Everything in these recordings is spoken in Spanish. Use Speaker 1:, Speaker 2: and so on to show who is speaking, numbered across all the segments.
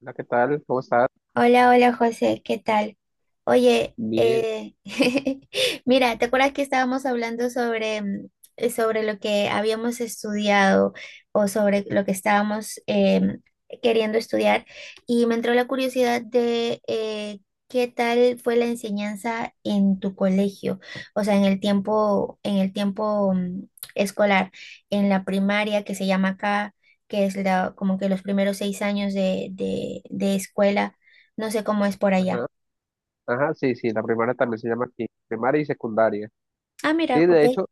Speaker 1: Hola, ¿qué tal? ¿Cómo estás?
Speaker 2: Hola, hola José, ¿qué tal? Oye,
Speaker 1: Bien.
Speaker 2: mira, ¿te acuerdas que estábamos hablando sobre lo que habíamos estudiado, o sobre lo que estábamos queriendo estudiar? Y me entró la curiosidad de qué tal fue la enseñanza en tu colegio, o sea, en el tiempo escolar, en la primaria, que se llama acá, que es como que los primeros 6 años de escuela. No sé cómo es por allá.
Speaker 1: Ajá. Ajá, sí, sí, la primaria también se llama aquí, primaria y secundaria.
Speaker 2: Ah, mira,
Speaker 1: Sí,
Speaker 2: ok.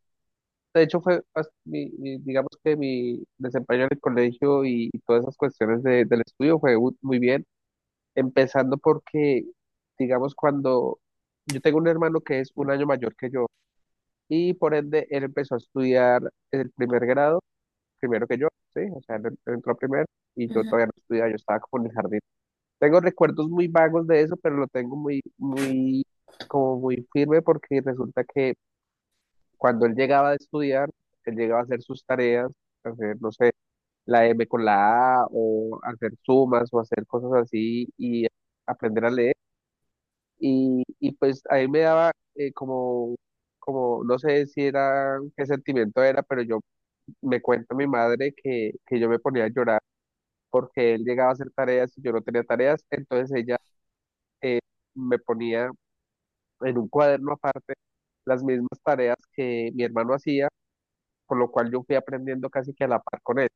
Speaker 1: de hecho fue, digamos que mi desempeño en el colegio y todas esas cuestiones del estudio fue muy bien, empezando porque, digamos, cuando yo tengo un hermano que es un año mayor que yo y por ende él empezó a estudiar el primer grado, primero que yo, sí, o sea, él entró primero y yo
Speaker 2: Ujú.
Speaker 1: todavía no estudiaba, yo estaba como en el jardín. Tengo recuerdos muy vagos de eso, pero lo tengo muy, muy, como muy firme porque resulta que cuando él llegaba a estudiar, él llegaba a hacer sus tareas, hacer, no sé, la M con la A o hacer sumas o hacer cosas así y aprender a leer. Y pues ahí me daba como, como, no sé si era, qué sentimiento era, pero yo me cuenta mi madre que yo me ponía a llorar porque él llegaba a hacer tareas y yo no tenía tareas, entonces ella eh, me ponía en un cuaderno aparte las mismas tareas que mi hermano hacía, por lo cual yo fui aprendiendo casi que a la par con él.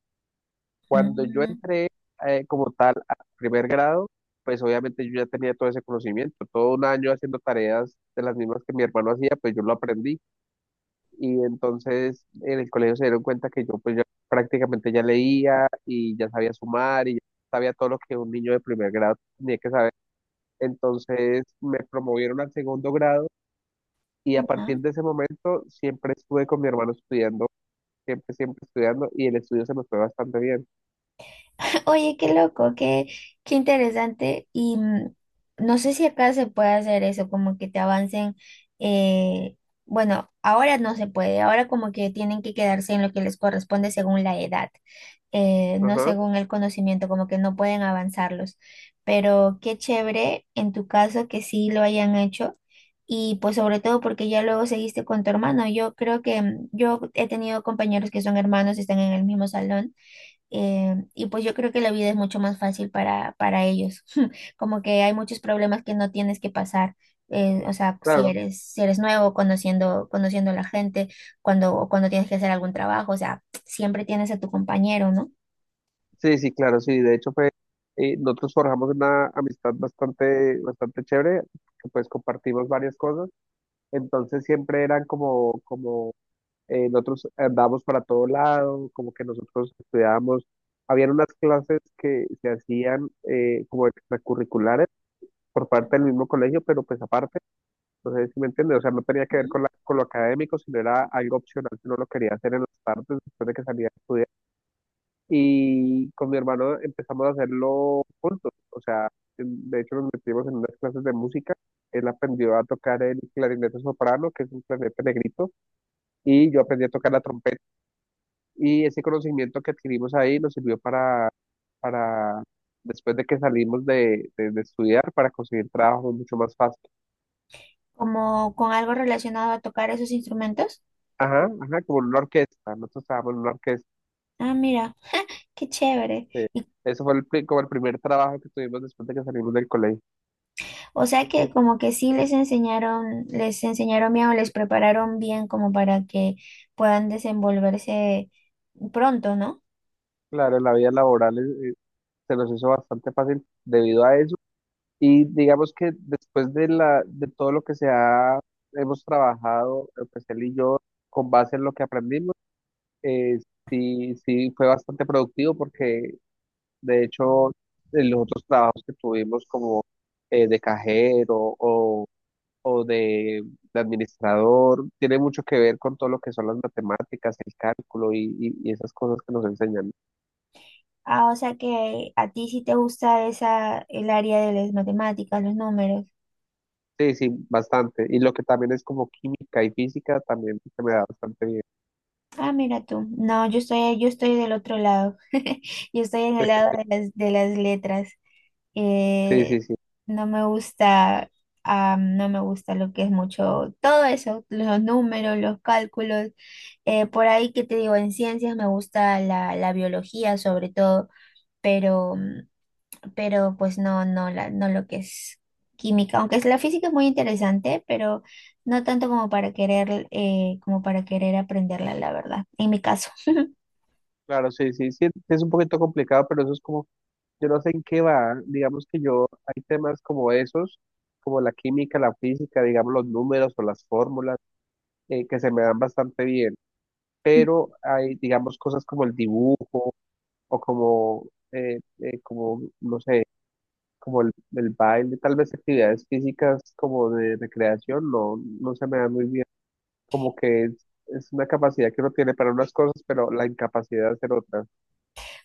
Speaker 1: Cuando yo
Speaker 2: Mm,
Speaker 1: entré como tal al primer grado, pues obviamente yo ya tenía todo ese conocimiento, todo un año haciendo tareas de las mismas que mi hermano hacía, pues yo lo aprendí y entonces en el colegio se dieron cuenta que yo pues ya prácticamente ya leía y ya sabía sumar y ya sabía todo lo que un niño de primer grado tenía que saber. Entonces me promovieron al segundo grado. Y a partir
Speaker 2: ¿no?
Speaker 1: de ese momento siempre estuve con mi hermano estudiando, siempre, siempre estudiando y el estudio se me fue bastante bien.
Speaker 2: Oye, qué loco, qué interesante. Y no sé si acá se puede hacer eso, como que te avancen. eh, bueno, ahora no se puede, ahora como que tienen que quedarse en lo que les corresponde según la edad. No
Speaker 1: Ajá,
Speaker 2: según el conocimiento, como que no pueden avanzarlos. Pero qué chévere en tu caso que sí lo hayan hecho, y pues sobre todo porque ya luego seguiste con tu hermano. Yo creo que yo he tenido compañeros que son hermanos, están en el mismo salón, y pues yo creo que la vida es mucho más fácil para ellos, como que hay muchos problemas que no tienes que pasar. O sea, si
Speaker 1: claro.
Speaker 2: eres, si eres nuevo, conociendo a la gente, cuando tienes que hacer algún trabajo, o sea, siempre tienes a tu compañero, ¿no?
Speaker 1: Sí, sí, claro, sí. De hecho fue, nosotros forjamos una amistad bastante, bastante chévere, que pues compartimos varias cosas. Entonces siempre eran como, como, nosotros andábamos para todo lado, como que nosotros estudiábamos. Habían unas clases que se hacían como extracurriculares por parte del mismo colegio, pero pues aparte. Entonces, ¿sí me entiendes? O sea, no tenía que ver con, con lo académico, sino era algo opcional que uno lo quería hacer en las tardes después de que salía a estudiar. Y con mi hermano empezamos a hacerlo juntos. O sea, de hecho nos metimos en unas clases de música. Él aprendió a tocar el clarinete soprano, que es un clarinete negrito, y yo aprendí a tocar la trompeta. Y ese conocimiento que adquirimos ahí nos sirvió para después de que salimos de estudiar, para conseguir trabajo mucho más fácil.
Speaker 2: Como con algo relacionado a tocar esos instrumentos.
Speaker 1: Ajá, ajá, como en una orquesta. Nosotros estábamos en una orquesta.
Speaker 2: Ah, mira, qué chévere.
Speaker 1: Sí.
Speaker 2: Y,
Speaker 1: Eso fue como el primer trabajo que tuvimos después de que salimos del colegio.
Speaker 2: o sea que como que sí les enseñaron bien, o les prepararon bien, como para que puedan desenvolverse pronto, ¿no?
Speaker 1: Claro, la vida laboral se nos hizo bastante fácil debido a eso. Y digamos que después de todo lo que hemos trabajado, pues él y yo, con base en lo que aprendimos, eh, sí, sí fue bastante productivo porque de hecho en los otros trabajos que tuvimos como de cajero o de administrador, tiene mucho que ver con todo lo que son las matemáticas, el cálculo y esas cosas que nos enseñan.
Speaker 2: Ah, o sea que a ti sí te gusta el área de las matemáticas, los números.
Speaker 1: Sí, sí, bastante. Y lo que también es como química y física también se me da bastante bien.
Speaker 2: Ah, mira tú. No, yo estoy del otro lado. Yo estoy en el lado de las letras.
Speaker 1: Sí,
Speaker 2: eh,
Speaker 1: sí, sí.
Speaker 2: no me gusta, no me gusta lo que es mucho, todo eso, los números, los cálculos. Por ahí que te digo, en ciencias me gusta la biología sobre todo, pero, pero pues no, no lo que es química. Aunque la física es muy interesante, pero no tanto como para querer aprenderla, la verdad, en mi caso.
Speaker 1: Claro, sí, sí, sí, es un poquito complicado, pero eso es como, yo no sé en qué va, digamos que yo, hay temas como esos, como la química, la física, digamos los números o las fórmulas, que se me dan bastante bien, pero hay, digamos, cosas como el dibujo o como, como no sé, como el baile, tal vez actividades físicas como de recreación, no, no se me da muy bien, como que es una capacidad que uno tiene para unas cosas, pero la incapacidad de hacer otras.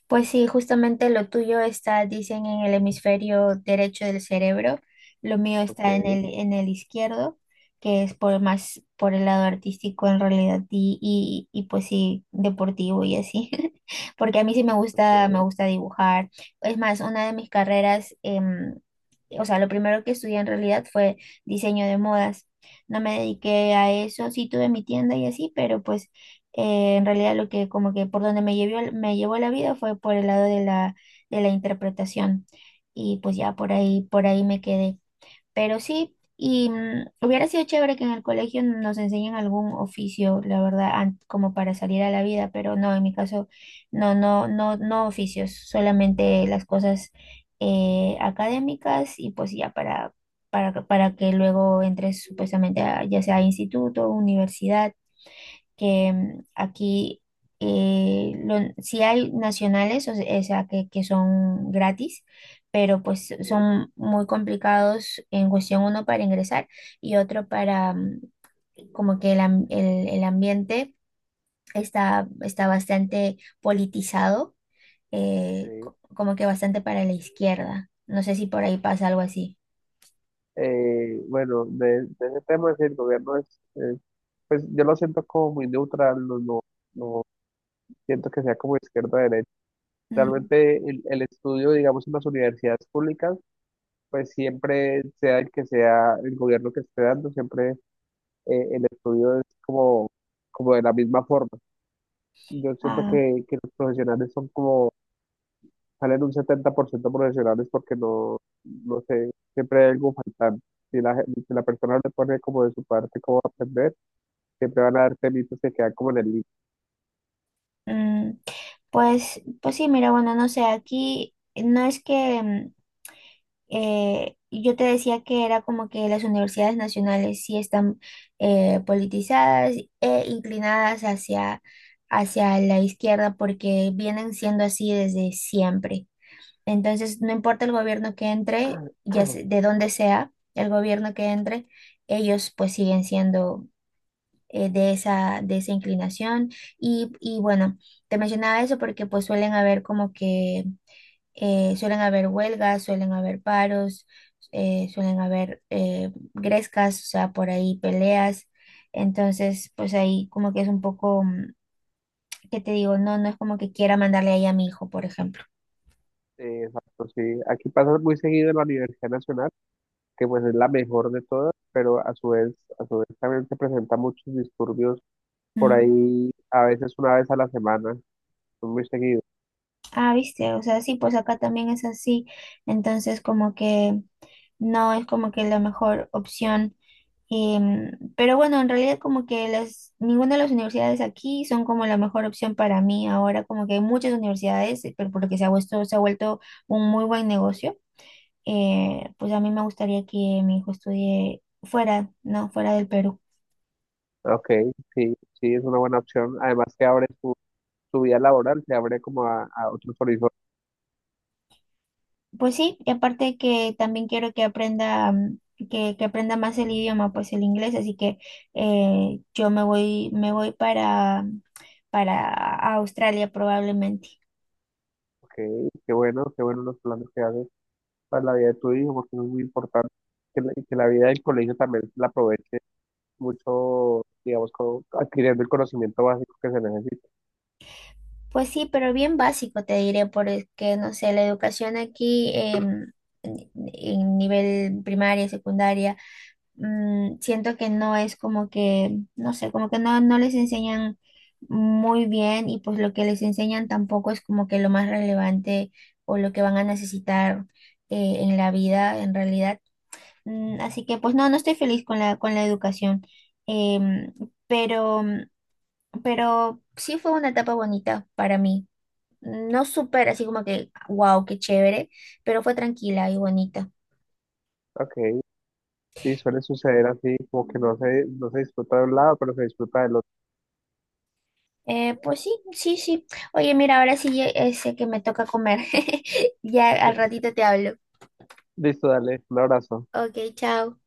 Speaker 2: Pues sí, justamente lo tuyo está, dicen, en el hemisferio derecho del cerebro, lo mío
Speaker 1: Ok,
Speaker 2: está en el izquierdo, que es por más por el lado artístico en realidad, y, pues sí, deportivo y así, porque a mí sí me gusta, me
Speaker 1: ok,
Speaker 2: gusta dibujar. Es más, una de mis carreras, o sea, lo primero que estudié en realidad fue diseño de modas. No me dediqué a eso, sí tuve mi tienda y así, pero pues en realidad, lo que como que por donde me llevó la vida fue por el lado de la interpretación, y pues ya por ahí me quedé. Pero sí, y hubiera sido chévere que en el colegio nos enseñen algún oficio, la verdad, como para salir a la vida, pero no, en mi caso, no, no, oficios, solamente las cosas académicas, y pues ya para. Para que luego entres, supuestamente, ya sea a instituto, universidad, que aquí sí hay nacionales, o sea, que son gratis, pero pues
Speaker 1: sí,
Speaker 2: son muy complicados, en cuestión uno para ingresar, y otro para como que el ambiente está bastante politizado,
Speaker 1: sí.
Speaker 2: como que bastante para la izquierda. No sé si por ahí pasa algo así.
Speaker 1: Bueno, de ese tema, sí, el gobierno es, eh, pues yo lo siento como muy neutral, no, no, no siento que sea como izquierda o derecha.
Speaker 2: Mm,
Speaker 1: Realmente el estudio, digamos, en las universidades públicas, pues siempre sea el que sea el gobierno que esté dando, siempre el estudio es como, como de la misma forma. Yo siento
Speaker 2: ah,
Speaker 1: que los profesionales son como, salen un 70% profesionales porque no, no sé, siempre hay algo faltante. Si si la persona le pone como de su parte cómo aprender, siempre van a dar temitos que quedan como en el link.
Speaker 2: mm, pues sí, mira, bueno, no sé, aquí no es que. Y yo te decía que era como que las universidades nacionales sí están politizadas e inclinadas hacia la izquierda, porque vienen siendo así desde siempre. Entonces, no importa el gobierno que entre, de dónde sea el gobierno que entre, ellos pues siguen siendo de esa inclinación. Y bueno, te mencionaba eso porque pues suelen haber como que suelen haber huelgas, suelen haber paros, suelen haber grescas, o sea, por ahí peleas. Entonces, pues ahí como que es un poco, ¿qué te digo? No, no es como que quiera mandarle ahí a mi hijo, por ejemplo.
Speaker 1: Exacto, sí. Aquí pasa muy seguido en la Universidad Nacional, que pues es la mejor de todas, pero a su vez también se presentan muchos disturbios por
Speaker 2: Mm.
Speaker 1: ahí a veces una vez a la semana, no muy seguido.
Speaker 2: Ah, viste, o sea, sí, pues acá también es así. Entonces, como que no es como que la mejor opción. Pero bueno, en realidad, como que ninguna de las universidades aquí son como la mejor opción para mí ahora, como que hay muchas universidades, pero porque se ha vuelto un muy buen negocio. Pues a mí me gustaría que mi hijo estudie fuera, ¿no? Fuera del Perú.
Speaker 1: Ok, sí, sí, es una buena opción. Además que abre tu, tu vida laboral, te abre como a otros horizontes.
Speaker 2: Pues sí, y aparte, que también quiero que aprenda, que aprenda más el idioma, pues el inglés, así que yo me voy para Australia, probablemente.
Speaker 1: Ok, qué bueno los planes que haces para la vida de tu hijo, porque eso es muy importante. Que que la vida del colegio también la aproveche mucho, digamos, como adquiriendo el conocimiento básico que se necesita.
Speaker 2: Pues sí, pero bien básico te diré, porque no sé, la educación aquí en nivel primaria, secundaria, siento que no es como que, no sé, como que no les enseñan muy bien, y pues lo que les enseñan tampoco es como que lo más relevante, o lo que van a necesitar en la vida, en realidad. Mm, así que pues no estoy feliz con la educación. Em, pero, pero sí fue una etapa bonita para mí. No súper así como que, wow, qué chévere, pero fue tranquila y bonita.
Speaker 1: Ok, sí, suele suceder así, como que no se, no se disfruta de un lado, pero se disfruta del otro.
Speaker 2: Pues sí, sí, sí. Oye, mira, ahora sí sé que me toca comer. Ya al ratito te hablo.
Speaker 1: Listo, dale, un abrazo.
Speaker 2: Ok, chao.